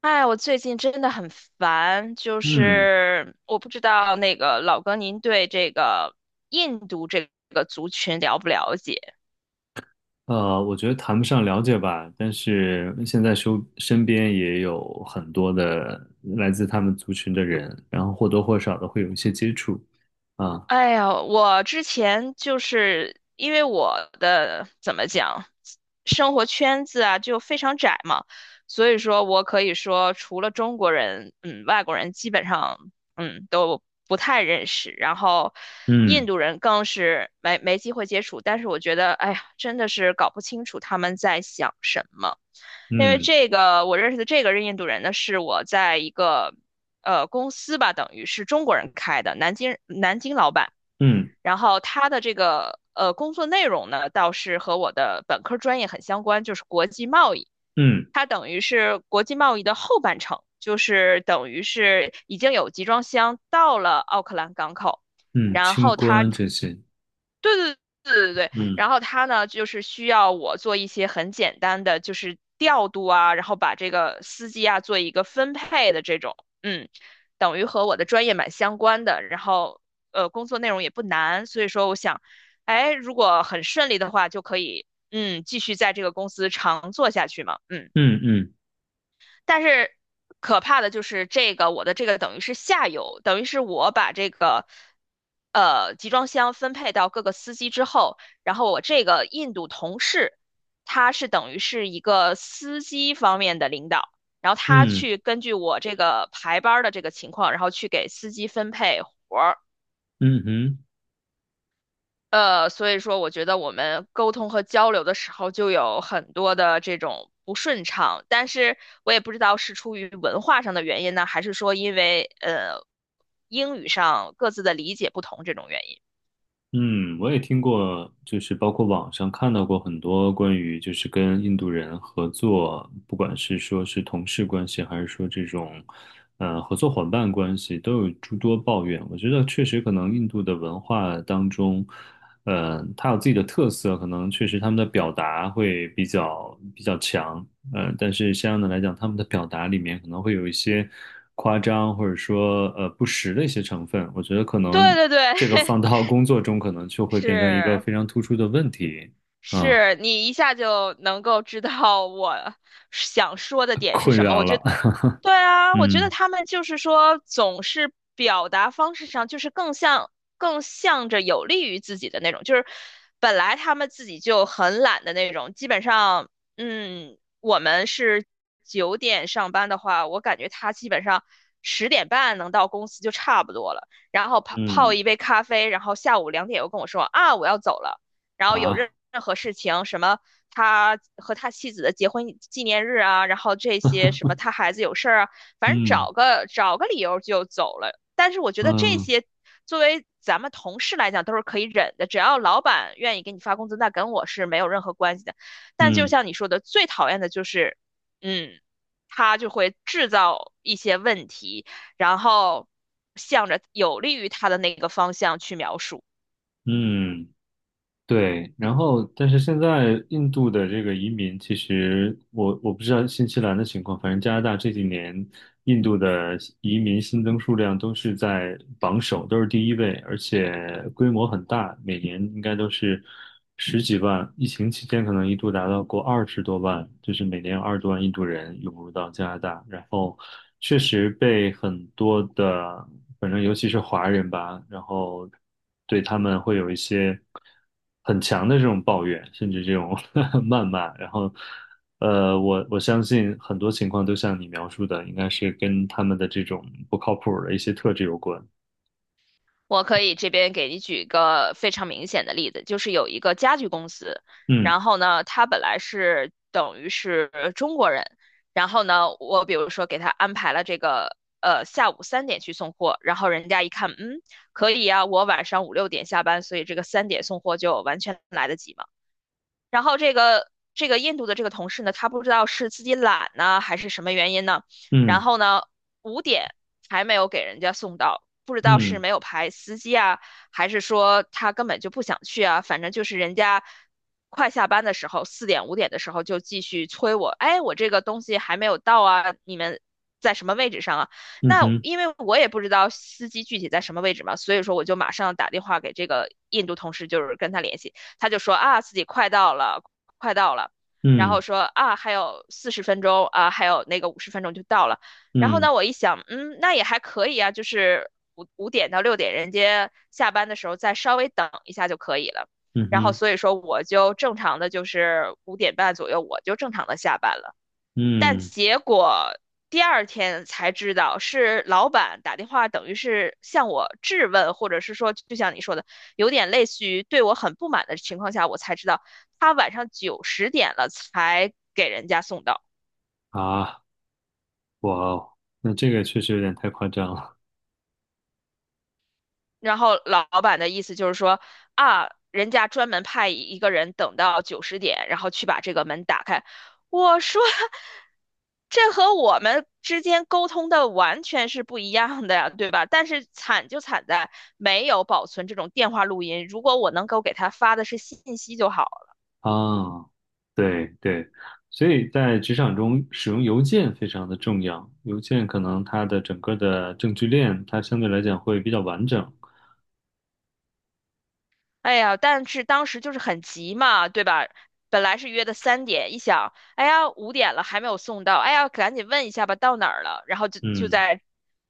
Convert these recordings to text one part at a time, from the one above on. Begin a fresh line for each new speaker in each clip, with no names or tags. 哎，我最近真的很烦，就
嗯，
是我不知道那个老哥，您对这个印度这个族群了不了解？
呃，我觉得谈不上了解吧，但是现在身边也有很多的来自他们族群的人，然后或多或少的会有一些接触啊，
哎呀，我之前就是因为我的怎么讲，生活圈子啊就非常窄嘛，所以说我可以说除了中国人，嗯，外国人基本上都不太认识，然后印
嗯
度人更是没机会接触。但是我觉得，哎呀，真的是搞不清楚他们在想什么，因为
嗯
这个我认识的这个印度人呢，是我在一个，公司吧，等于是中国人开的，南京老板。
嗯
然后他的这个工作内容呢，倒是和我的本科专业很相关，就是国际贸易。
嗯
它等于是国际贸易的后半程，就是等于是已经有集装箱到了奥克兰港口，
嗯，
然
清
后
官这些，
对对对，
嗯
然后他呢，就是需要我做一些很简单的，就是调度啊，然后把这个司机啊做一个分配的这种，嗯，等于和我的专业蛮相关的，然后工作内容也不难，所以说我想，哎，如果很顺利的话，就可以，继续在这个公司长做下去嘛，嗯。
嗯嗯
但是可怕的就是这个，我的这个等于是下游，等于是我把这个集装箱分配到各个司机之后，然后我这个印度同事，他是等于是一个司机方面的领导，然后他
嗯
去根据我这个排班儿的这个情况，然后去给司机分配活儿。
嗯哼。
所以说我觉得我们沟通和交流的时候就有很多的这种不顺畅，但是我也不知道是出于文化上的原因呢，还是说因为英语上各自的理解不同这种原因。
嗯，我也听过，就是包括网上看到过很多关于就是跟印度人合作，不管是说是同事关系，还是说这种合作伙伴关系，都有诸多抱怨。我觉得确实可能印度的文化当中，它有自己的特色，可能确实他们的表达会比较强。但是相应的来讲，他们的表达里面可能会有一些夸张，或者说不实的一些成分。我觉得可
对
能
对对，
这个放到工作中，可能就 会变成一个
是
非常突出的问题啊，
是，你一下就能够知道我想说的 点是
困
什么。
扰
我觉
了。
得 对啊，我觉得
嗯
他们就是说，总是表达方式上就是更向着有利于自己的那种，就是本来他们自己就很懒的那种，基本上，我们是9点上班的话，我感觉他基本上10点半能到公司就差不多了，然后泡泡
嗯
一杯咖啡，然后下午2点又跟我说啊我要走了，然后有任
啊
任何事情什么他和他妻子的结婚纪念日啊，然后这些什么他孩子有事儿啊，反正
嗯
找个理由就走了。但是我觉得这
嗯
些作为咱们同事来讲都是可以忍的，只要老板愿意给你发工资，那跟我是没有任何关系的。但就
嗯
像你说的，最讨厌的就是，嗯，他就会制造一些问题，然后向着有利于他的那个方向去描述。
嗯。对，然后但是现在印度的这个移民，其实我不知道新西兰的情况，反正加拿大这几年印度的移民新增数量都是在榜首，都是第一位，而且规模很大，每年应该都是十几万，疫情期间可能一度达到过二十多万，就是每年有二十多万印度人涌入到加拿大，然后确实被很多的，反正尤其是华人吧，然后对他们会有一些。很强的这种抱怨，甚至这种 谩骂，然后，我相信很多情况都像你描述的，应该是跟他们的这种不靠谱的一些特质有关。
我可以这边给你举一个非常明显的例子，就是有一个家具公司，
嗯
然后呢，他本来是等于是中国人，然后呢，我比如说给他安排了这个下午3点去送货，然后人家一看，嗯，可以啊，我晚上5、6点下班，所以这个三点送货就完全来得及嘛。然后这个印度的这个同事呢，他不知道是自己懒呢，还是什么原因呢？然
嗯
后呢，五点还没有给人家送到，不知道是
嗯
没有排司机啊，还是说他根本就不想去啊？反正就是人家快下班的时候，4、5点的时候就继续催我，哎，我这个东西还没有到啊，你们。在什么位置上啊？
嗯
那
哼
因为我也不知道司机具体在什么位置嘛，所以说我就马上打电话给这个印度同事，就是跟他联系。他就说啊，自己快到了，快到了，然后
嗯
说啊，还有40分钟啊，还有那个50分钟就到了。然后
嗯
呢，我一想，嗯，那也还可以啊，就是五点到六点，人家下班的时候再稍微等一下就可以了。
嗯
然后
哼
所以说，我就正常的就是5点半左右，我就正常的下班了。但
嗯
结果第二天才知道，是老板打电话，等于是向我质问，或者是说，就像你说的，有点类似于对我很不满的情况下，我才知道他晚上九十点了才给人家送到。
啊，哇哦，那这个确实有点太夸张了
然后老板的意思就是说啊，人家专门派一个人等到九十点，然后去把这个门打开。我说，这和我们之间沟通的完全是不一样的呀，对吧？但是惨就惨在没有保存这种电话录音。如果我能够给他发的是信息就好。
啊！对对，所以在职场中使用邮件非常的重要，邮件可能它的整个的证据链它相对来讲会比较完整。
哎呀，但是当时就是很急嘛，对吧？本来是约的三点，一想，哎呀，五点了还没有送到，哎呀，赶紧问一下吧，到哪儿了？然后就就
嗯
在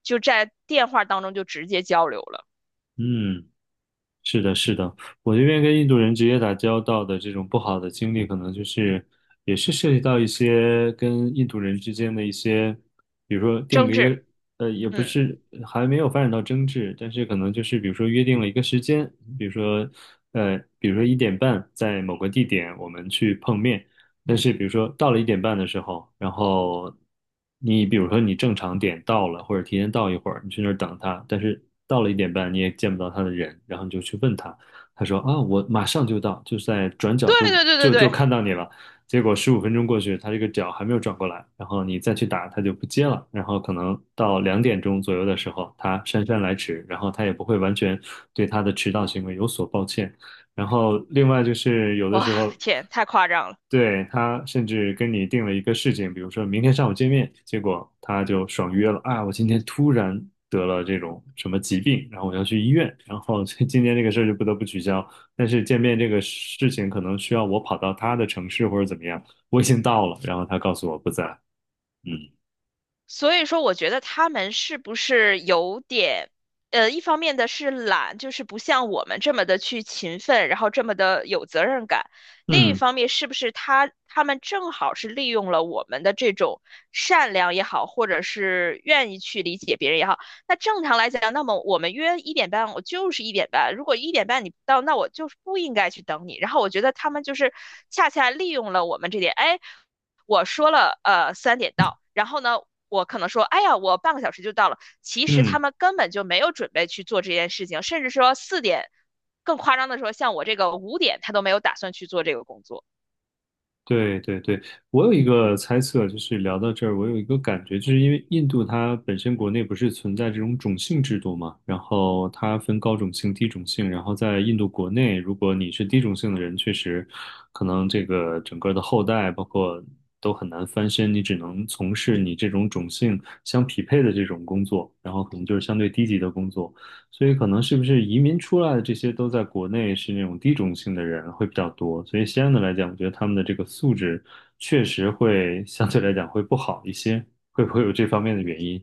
就在电话当中就直接交流了，
嗯，是的，是的，我这边跟印度人直接打交道的这种不好的经历，可能就是也是涉及到一些跟印度人之间的一些，比如说定
争
了一
执。
个，也不
嗯，
是还没有发展到争执，但是可能就是比如说约定了一个时间，比如说，比如说一点半在某个地点我们去碰面，但是比如说到了一点半的时候，然后你比如说你正常点到了，或者提前到一会儿，你去那儿等他，但是到了一点半你也见不到他的人，然后你就去问他，他说啊，我马上就到，就在转角
对
就
对对对
就就
对，
看到你了。结果15分钟过去，他这个脚还没有转过来，然后你再去打，他就不接了。然后可能到2点钟左右的时候，他姗姗来迟，然后他也不会完全对他的迟到行为有所抱歉。然后另外就是有的
哇，
时候
天，太夸张了。
对，他甚至跟你定了一个事情，比如说明天上午见面，结果他就爽约了啊！我今天突然得了这种什么疾病，然后我要去医院，然后 这今天这个事儿就不得不取消。但是见面这个事情可能需要我跑到他的城市或者怎么样，我已经到了，然后他告诉我不在。嗯
所以说，我觉得他们是不是有点，一方面的是懒，就是不像我们这么的去勤奋，然后这么的有责任感；另一
嗯
方面，是不是他们正好是利用了我们的这种善良也好，或者是愿意去理解别人也好，那正常来讲，那么我们约一点半，我就是一点半。如果一点半你不到，那我就是不应该去等你。然后我觉得他们就是恰恰利用了我们这点，哎，我说了3点到，然后呢，我可能说，哎呀，我半个小时就到了。其实他
嗯，
们根本就没有准备去做这件事情，甚至说四点，更夸张的说，像我这个五点，他都没有打算去做这个工作。
对对对，我有一个猜测，就是聊到这儿，我有一个感觉，就是因为印度它本身国内不是存在这种种姓制度嘛，然后它分高种姓、低种姓，然后在印度国内，如果你是低种姓的人，确实可能这个整个的后代包括都很难翻身，你只能从事你这种种姓相匹配的这种工作，然后可能就是相对低级的工作。所以可能是不是移民出来的这些都在国内是那种低种姓的人会比较多，所以相对来讲，我觉得他们的这个素质确实会相对来讲会不好一些，会不会有这方面的原因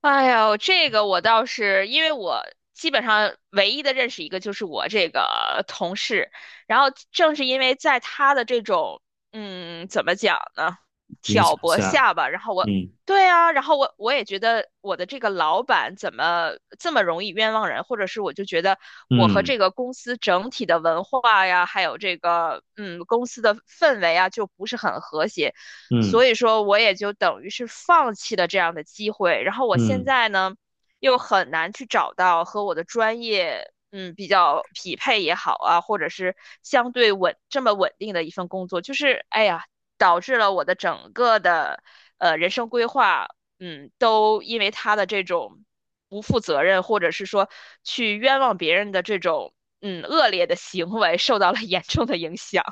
哎呦，这个我倒是，因为我基本上唯一的认识一个就是我这个同事，然后正是因为在他的这种，怎么讲呢，
影
挑
响
拨
下？
下吧，然后我，
嗯
对啊，然后我也觉得我的这个老板怎么这么容易冤枉人，或者是我就觉得我和
嗯
这个公司整体的文化呀，还有这个，公司的氛围啊，就不是很和谐。
嗯
所以说我也就等于是放弃了这样的机会。然后我现
嗯
在呢，又很难去找到和我的专业。嗯，比较匹配也好啊，或者是相对这么稳定的一份工作，就是哎呀，导致了我的整个的人生规划，都因为他的这种不负责任，或者是说去冤枉别人的这种恶劣的行为，受到了严重的影响。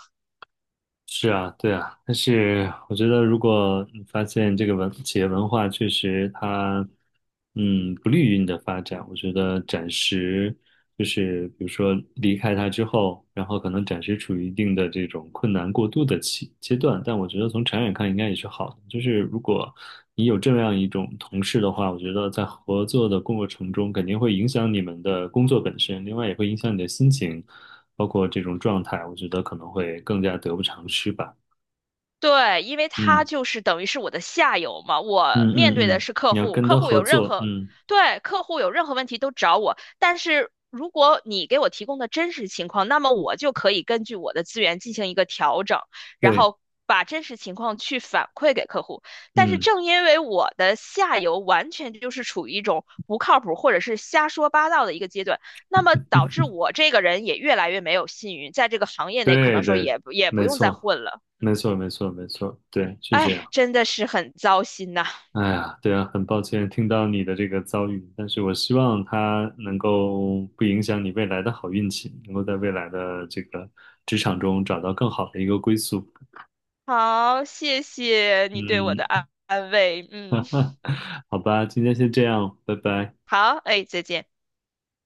是啊，对啊，但是我觉得，如果你发现这个文企业文化确实它，嗯，不利于你的发展，我觉得暂时就是比如说离开它之后，然后可能暂时处于一定的这种困难过渡的期阶段，但我觉得从长远看应该也是好的。就是如果你有这样一种同事的话，我觉得在合作的过程中肯定会影响你们的工作本身，另外也会影响你的心情。包括这种状态，我觉得可能会更加得不偿失吧。
对，因为他
嗯
就是等于是我的下游嘛，
嗯
我面对
嗯
的
嗯，
是客
你要
户，
跟
客
他
户
合
有任
作，
何，
嗯，
对，客户有任何问题都找我。但是如果你给我提供的真实情况，那么我就可以根据我的资源进行一个调整，然
对，
后把真实情况去反馈给客户。但是
嗯，
正因为我的下游完全就是处于一种不靠谱或者是瞎说八道的一个阶段，那么导致我这个人也越来越没有信誉，在这个行业内可
对
能说
对，
也不也不
没
用再
错，
混了。
没错，没错，没错，对，是
哎
这
呀
样。
真的是很糟心呐。
哎呀，对啊，很抱歉听到你的这个遭遇，但是我希望他能够不影响你未来的好运气，能够在未来的这个职场中找到更好的一个归宿。
好，谢谢你对我的
嗯，
安慰。嗯，
好吧，今天先这样，拜拜。
好，哎，再见。